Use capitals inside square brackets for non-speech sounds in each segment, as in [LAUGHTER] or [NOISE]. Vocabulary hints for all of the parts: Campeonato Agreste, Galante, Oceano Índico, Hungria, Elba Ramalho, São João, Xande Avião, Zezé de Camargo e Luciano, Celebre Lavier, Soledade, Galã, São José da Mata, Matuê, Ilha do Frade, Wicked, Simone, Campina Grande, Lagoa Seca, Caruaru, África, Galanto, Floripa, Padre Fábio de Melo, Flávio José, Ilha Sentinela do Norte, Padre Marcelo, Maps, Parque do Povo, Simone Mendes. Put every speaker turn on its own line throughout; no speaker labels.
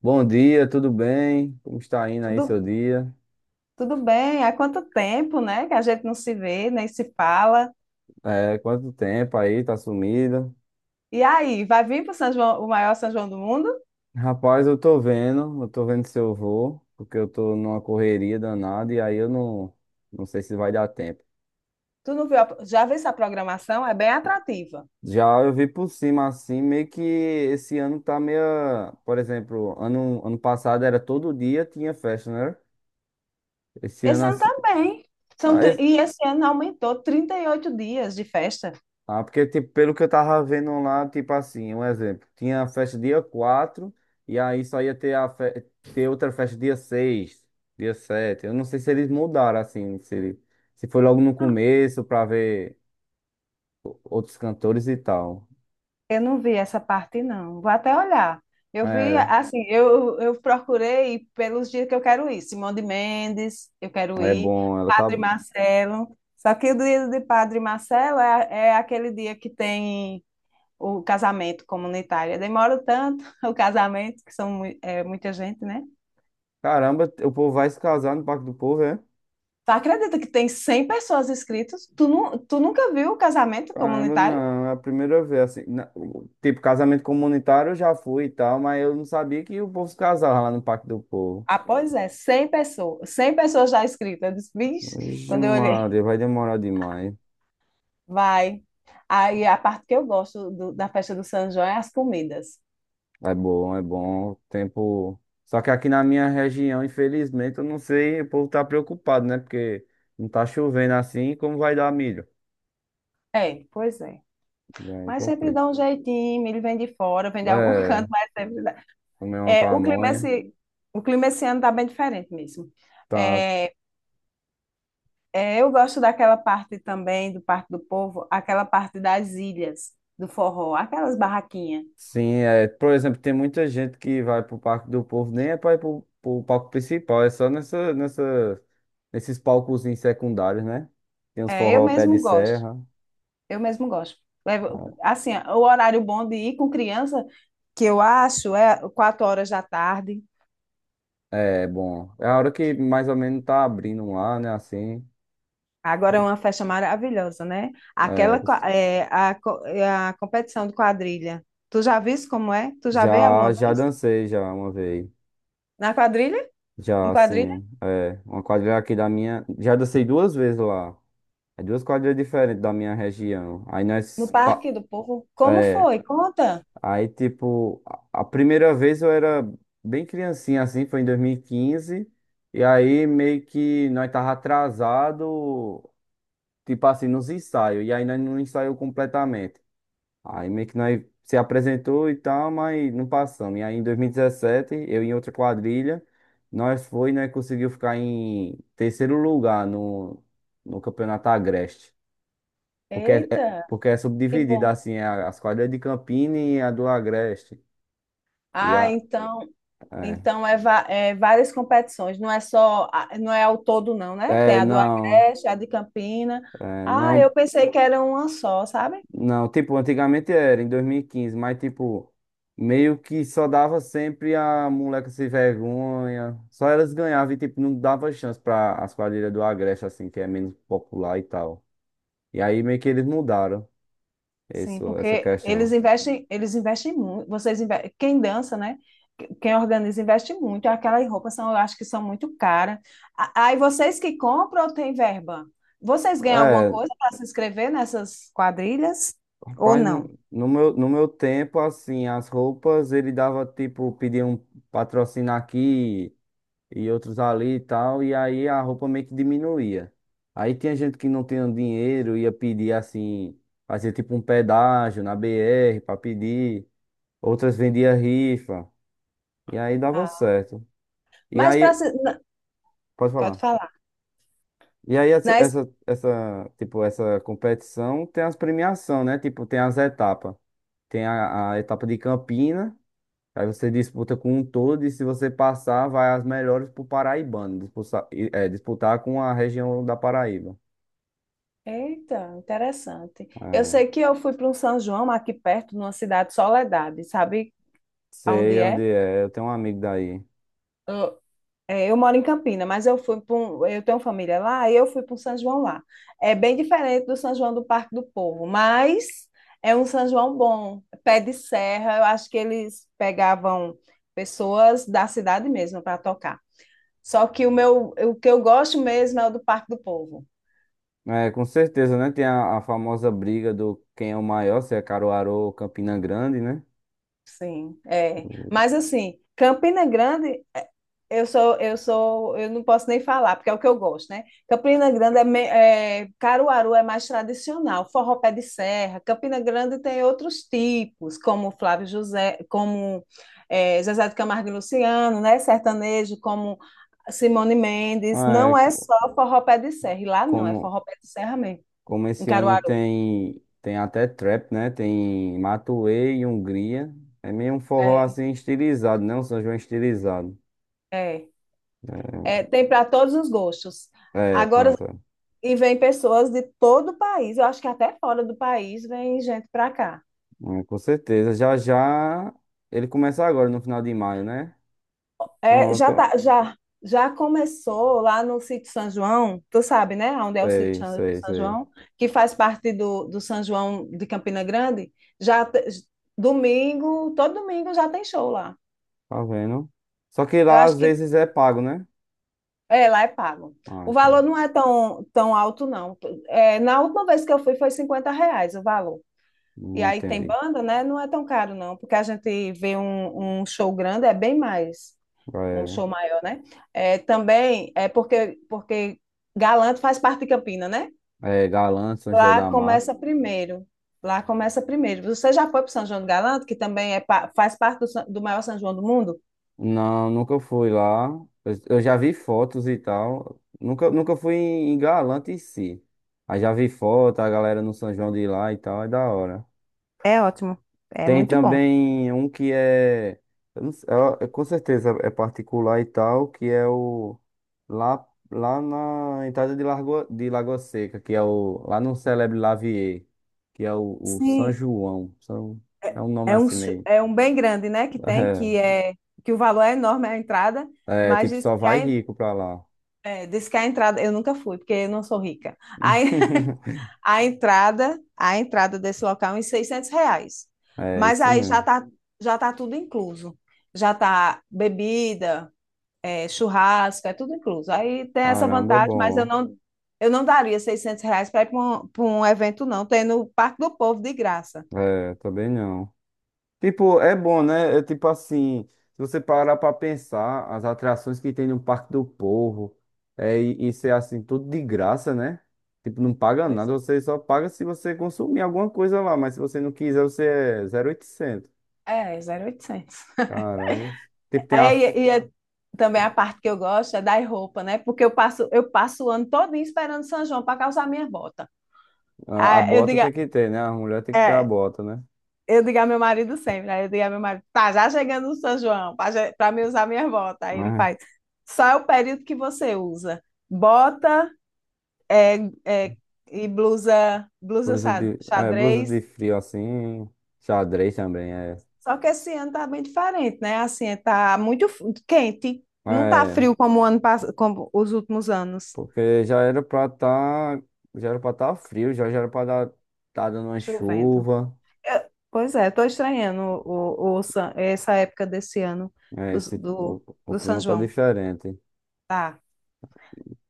Bom dia, tudo bem? Como está indo aí seu
Tudo,
dia?
tudo bem? Há quanto tempo, né? Que a gente não se vê, nem se fala.
É, quanto tempo aí, tá sumida?
E aí, vai vir para o São João, o maior São João do mundo?
Rapaz, eu tô vendo se eu vou, porque eu tô numa correria danada e aí eu não, não sei se vai dar tempo.
Tu não viu? Já viu essa programação? É bem atrativa.
Já eu vi por cima assim, meio que esse ano tá meio, por exemplo, ano passado era todo dia tinha festa, né? Esse ano
Esse ano
assim,
também.
não.
E esse ano aumentou 38 dias de festa.
Ah, porque, tipo, pelo que eu tava vendo lá, tipo assim, um exemplo, tinha a festa dia 4 e aí só ia ter, ter outra festa dia 6, dia 7. Eu não sei se eles mudaram, assim, se, se foi logo no começo pra ver outros cantores e tal.
Eu não vi essa parte, não. Vou até olhar. Eu vi,
É,
assim, eu procurei pelos dias que eu quero ir. Simone de Mendes, eu quero
é
ir.
bom, ela tá.
Padre Marcelo. Só que o dia de Padre Marcelo é aquele dia que tem o casamento comunitário. Demora tanto [LAUGHS] o casamento, que são é, muita gente, né?
Caramba, o povo vai se casar no Parque do Povo, é?
Tu acredita que tem 100 pessoas inscritas? Tu nunca viu o casamento
Caramba,
comunitário?
não, é a primeira vez, assim, tipo, casamento comunitário eu já fui e tal, mas eu não sabia que o povo se casava lá no Parque do Povo.
Ah, pois é, 100 pessoas. 100 pessoas já inscritas. Eu disse, vixe,
Vixe,
quando eu olhei,
Maria, vai demorar demais.
vai. Aí a parte que eu gosto da festa do São João é as comidas.
É bom, é bom. Tempo. Só que aqui na minha região, infelizmente, eu não sei, o povo tá preocupado, né? Porque não tá chovendo assim, como vai dar milho?
É, pois é.
Aí
Mas sempre
complica.
dá um jeitinho, ele vem de fora, vem de algum [LAUGHS]
É,
canto, mas sempre dá.
comer uma
É,
pamonha.
o clima esse ano tá bem diferente mesmo.
Tá.
É. É, eu gosto daquela parte também, do Parque do Povo, aquela parte das ilhas, do forró, aquelas barraquinhas.
Sim, é. Por exemplo, tem muita gente que vai pro Parque do Povo, nem é pra ir pro, palco principal, é só nesses palcozinhos secundários, né? Tem uns
É, eu
forró pé de
mesmo gosto,
serra.
eu mesmo gosto. Assim, o horário bom de ir com criança, que eu acho, é 4 horas da tarde.
É bom. É a hora que mais ou menos tá abrindo lá, né? Assim.
Agora é uma festa maravilhosa, né?
É,
Aquela, qua- é, a, co- É a competição de quadrilha. Tu já viste como é? Tu já veio
já,
alguma
já
vez?
dancei já uma vez.
Na quadrilha? Em
Já
quadrilha?
assim. É, uma quadrilha aqui da minha. Já dancei duas vezes lá. É duas quadrilhas diferentes da minha região. Aí
No
nós.
Parque do Povo? Como
É,
foi? Conta.
aí, tipo, a primeira vez eu era bem criancinha, assim, foi em 2015. E 15. E aí, meio que nós tava atrasado, tipo assim, nos ensaios. E aí, nós não ensaiou completamente. Aí meio que nós se apresentou e tal, mas não passamos. E aí em 2017, eu em outra quadrilha, nós foi e nós conseguiu ficar em terceiro lugar no Campeonato Agreste. Porque é, é-
Eita,
porque é
que
subdividida
bom.
assim, as quadrilhas de Campina e a do Agreste. E a,
Ah, então,
é,
então é várias competições, não é só, não é ao todo não, né? Tem a do
não,
Agreste, a de Campina.
é,
Ah, eu
não.
pensei que era uma só, sabe?
Não, tipo, antigamente era, em 2015, mas tipo, meio que só dava sempre a moleca sem vergonha. Só elas ganhavam e tipo, não dava chance pra as quadrilhas do Agreste, assim, que é menos popular e tal. E aí meio que eles mudaram
Sim,
isso, essa
porque eles
questão.
investem, eles investem muito. Quem dança, né? Quem organiza investe muito. Aquelas roupas são, eu acho que são muito caras. Aí vocês que compram ou tem verba? Vocês ganham alguma
É,
coisa para se inscrever nessas quadrilhas ou
rapaz, no
não?
no meu, no meu tempo, assim, as roupas ele dava tipo, pedia um patrocínio aqui. E outros ali e tal, e aí a roupa meio que diminuía. Aí tinha gente que não tinha dinheiro, ia pedir assim, fazia tipo um pedágio na BR pra pedir, outras vendia rifa, e aí dava
Ah,
certo. E
mas para
aí, pode
pode
falar.
falar.
E aí tipo, essa competição tem as premiação, né? Tipo, tem as etapas. Tem a etapa de Campina. Aí você disputa com um todo e se você passar, vai as melhores pro Paraibano, disputar, é, disputar com a região da Paraíba.
Eita, interessante. Eu
É,
sei que eu fui para um São João aqui perto, numa cidade Soledade, sabe aonde
sei onde
é?
é, eu tenho um amigo daí.
Eu, eu moro em Campina, mas eu fui para um, eu tenho família lá e eu fui para um São João lá. É bem diferente do São João do Parque do Povo, mas é um São João bom, pé de serra. Eu acho que eles pegavam pessoas da cidade mesmo para tocar. Só que o que eu gosto mesmo é o do Parque do Povo.
É, com certeza, né? Tem a famosa briga do quem é o maior, se é Caruaru ou Campina Grande, né?
Sim, é. Mas assim, Campina Grande, é, eu não posso nem falar, porque é o que eu gosto, né? Campina Grande é Caruaru é mais tradicional, forró pé de serra. Campina Grande tem outros tipos, como Flávio José, como Zezé de Camargo e Luciano, né? Sertanejo, como Simone Mendes.
É,
Não é só forró pé de serra, e lá não, é
como,
forró pé de serra mesmo,
como
em
esse ano
Caruaru.
tem até trap, né? Tem Matuê e Hungria. É meio um forró
É,
assim estilizado, né? Um São João estilizado.
é. É, tem para todos os gostos. Agora,
Pronto.
e vem pessoas de todo o país, eu acho que até fora do país vem gente para cá.
Com certeza. Já já ele começa agora, no final de maio, né?
É, já
Pronto.
tá, já começou lá no sítio São João, tu sabe, né? Onde é o
É
sítio São
isso aí, isso
São
aí.
João, que faz parte do São João de Campina Grande. Já te- Domingo, todo domingo já tem show lá.
Tá vendo? Só que
Eu
lá
acho
às
que
vezes é pago, né?
lá é pago.
Ah,
O valor
então.
não é tão, tão alto, não. É, na última vez que eu fui foi R$ 50 o valor. E
Não
aí tem
entendi.
banda, né? Não é tão caro, não, porque a gente vê um, um show grande, é bem mais, um show maior, né? É, também é porque Galanto faz parte de Campina, né?
É, é Galã, São José
Lá
da Mata.
começa primeiro. Lá começa primeiro. Você já foi para São João do Galanto, que também faz parte do maior São João do mundo?
Não, nunca fui lá. Eu já vi fotos e tal. Nunca fui em Galante em si. Aí já vi foto, a galera no São João de lá e tal, é da hora.
É ótimo. É
Tem
muito bom.
também um que é, eu não sei, com certeza é particular e tal, que é o lá na entrada de, Largo, de Lagoa Seca, que é o lá no Celebre Lavier, que é o São
Sim,
João. É um nome
é um,
assim
cho-
meio.
é um bem grande, né? Que
[LAUGHS]
é que o valor é enorme, é a entrada, mas
Tipo,
diz
só
que
vai
a
rico pra lá.
É, disse que a entrada, eu nunca fui, porque eu não sou rica. [LAUGHS]
[LAUGHS]
A entrada desse local é em R$ 600.
É
Mas
isso
aí já
mesmo.
tá, já tá tudo incluso. Já tá bebida, é, churrasco, é tudo incluso. Aí tem essa
Caramba,
vantagem, mas eu
bom.
não, eu não daria R$ 600 para ir pra um evento, não, tem no Parque do Povo de graça.
É, também não. Tipo, é bom, né? É tipo assim, se você parar pra pensar, as atrações que tem no Parque do Povo, é, e isso é assim, tudo de graça, né? Tipo, não paga
Pois
nada, você só paga se você consumir alguma coisa lá, mas se você não quiser, você é 0800.
é, 0800.
Caramba. Tipo, tem a,
É, também a parte que eu gosto é dar roupa, né? Porque eu passo o ano todinho esperando São João para calçar minha bota.
a, a
Aí eu
bota
digo,
tem que ter, né? A mulher tem que ter a
é,
bota, né?
eu digo a meu marido sempre, aí eu digo a meu marido, tá já chegando o São João para me usar minha bota. Aí ele
É,
faz, só é o período que você usa. Bota é, é, e blusa
é, blusa de
xadrez.
frio assim, xadrez também, é.
Só que esse ano tá bem diferente, né? Assim, tá muito quente, não tá
É,
frio como como os últimos anos.
porque já era pra tá frio, já era pra dar, tá dando uma
Chovendo.
chuva.
É, pois é, estou estranhando essa época desse ano
É,
do,
esse, o,
do,
o
do São
clima tá
João.
diferente.
Tá.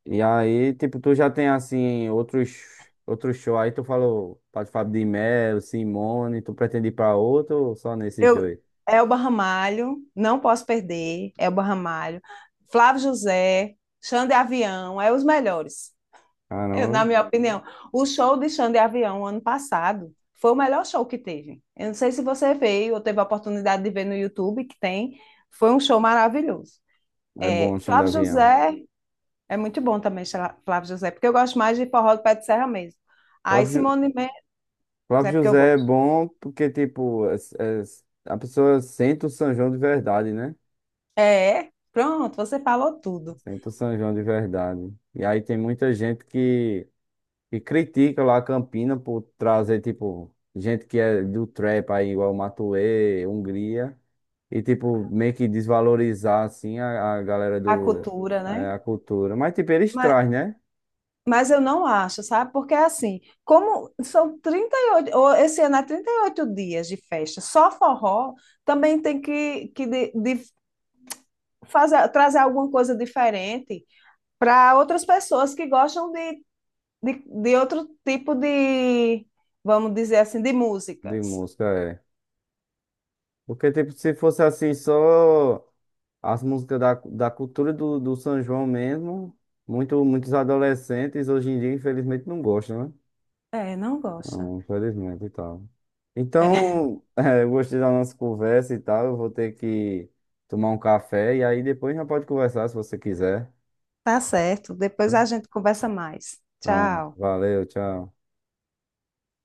E aí, tipo, tu já tem assim, outros shows. Aí tu falou, Padre Fábio de Melo, Simone, tu pretende ir pra outro ou só nesses
Eu,
dois?
Elba Ramalho, não posso perder. Elba Ramalho, Flávio José, Xande Avião, é os melhores,
Caramba,
na minha opinião. O show de Xande Avião ano passado foi o melhor show que teve. Eu não sei se você veio ou teve a oportunidade de ver no YouTube, que tem. Foi um show maravilhoso.
é bom
É,
o chão de
Flávio
avião.
José. É muito bom também, Flávio José, porque eu gosto mais de forró do pé de serra mesmo. Aí
Próprio, Ju-
Simone Mendes
o próprio
é porque eu
José é
gosto.
bom porque, tipo, a pessoa sente o São João de verdade, né?
É, pronto, você falou tudo.
Sente o São João de verdade. E aí tem muita gente que critica lá a Campina por trazer, tipo, gente que é do trap aí, igual Matuê, Hungria, e, tipo, meio que desvalorizar, assim, a galera
A
do.
cultura, né?
É, a cultura. Mas, tipo, eles
Mas,
trazem, né?
mas eu não acho, sabe? Porque é assim, como são 38 ou esse ano é 38 dias de festa, só forró, também tem que de fazer, trazer alguma coisa diferente para outras pessoas que gostam de, de outro tipo de, vamos dizer assim, de
De
músicas.
música, é. Porque, tipo, se fosse assim, só as músicas da cultura do São João mesmo, muitos adolescentes hoje em dia, infelizmente, não gostam, né?
É, não gosta.
Não, infelizmente e tal.
É,
Então, [LAUGHS] eu gostei da nossa conversa e tal. Eu vou ter que tomar um café e aí depois já pode conversar se você quiser.
tá certo. Depois
Viu?
a gente conversa mais.
Pronto,
Tchau.
valeu, tchau.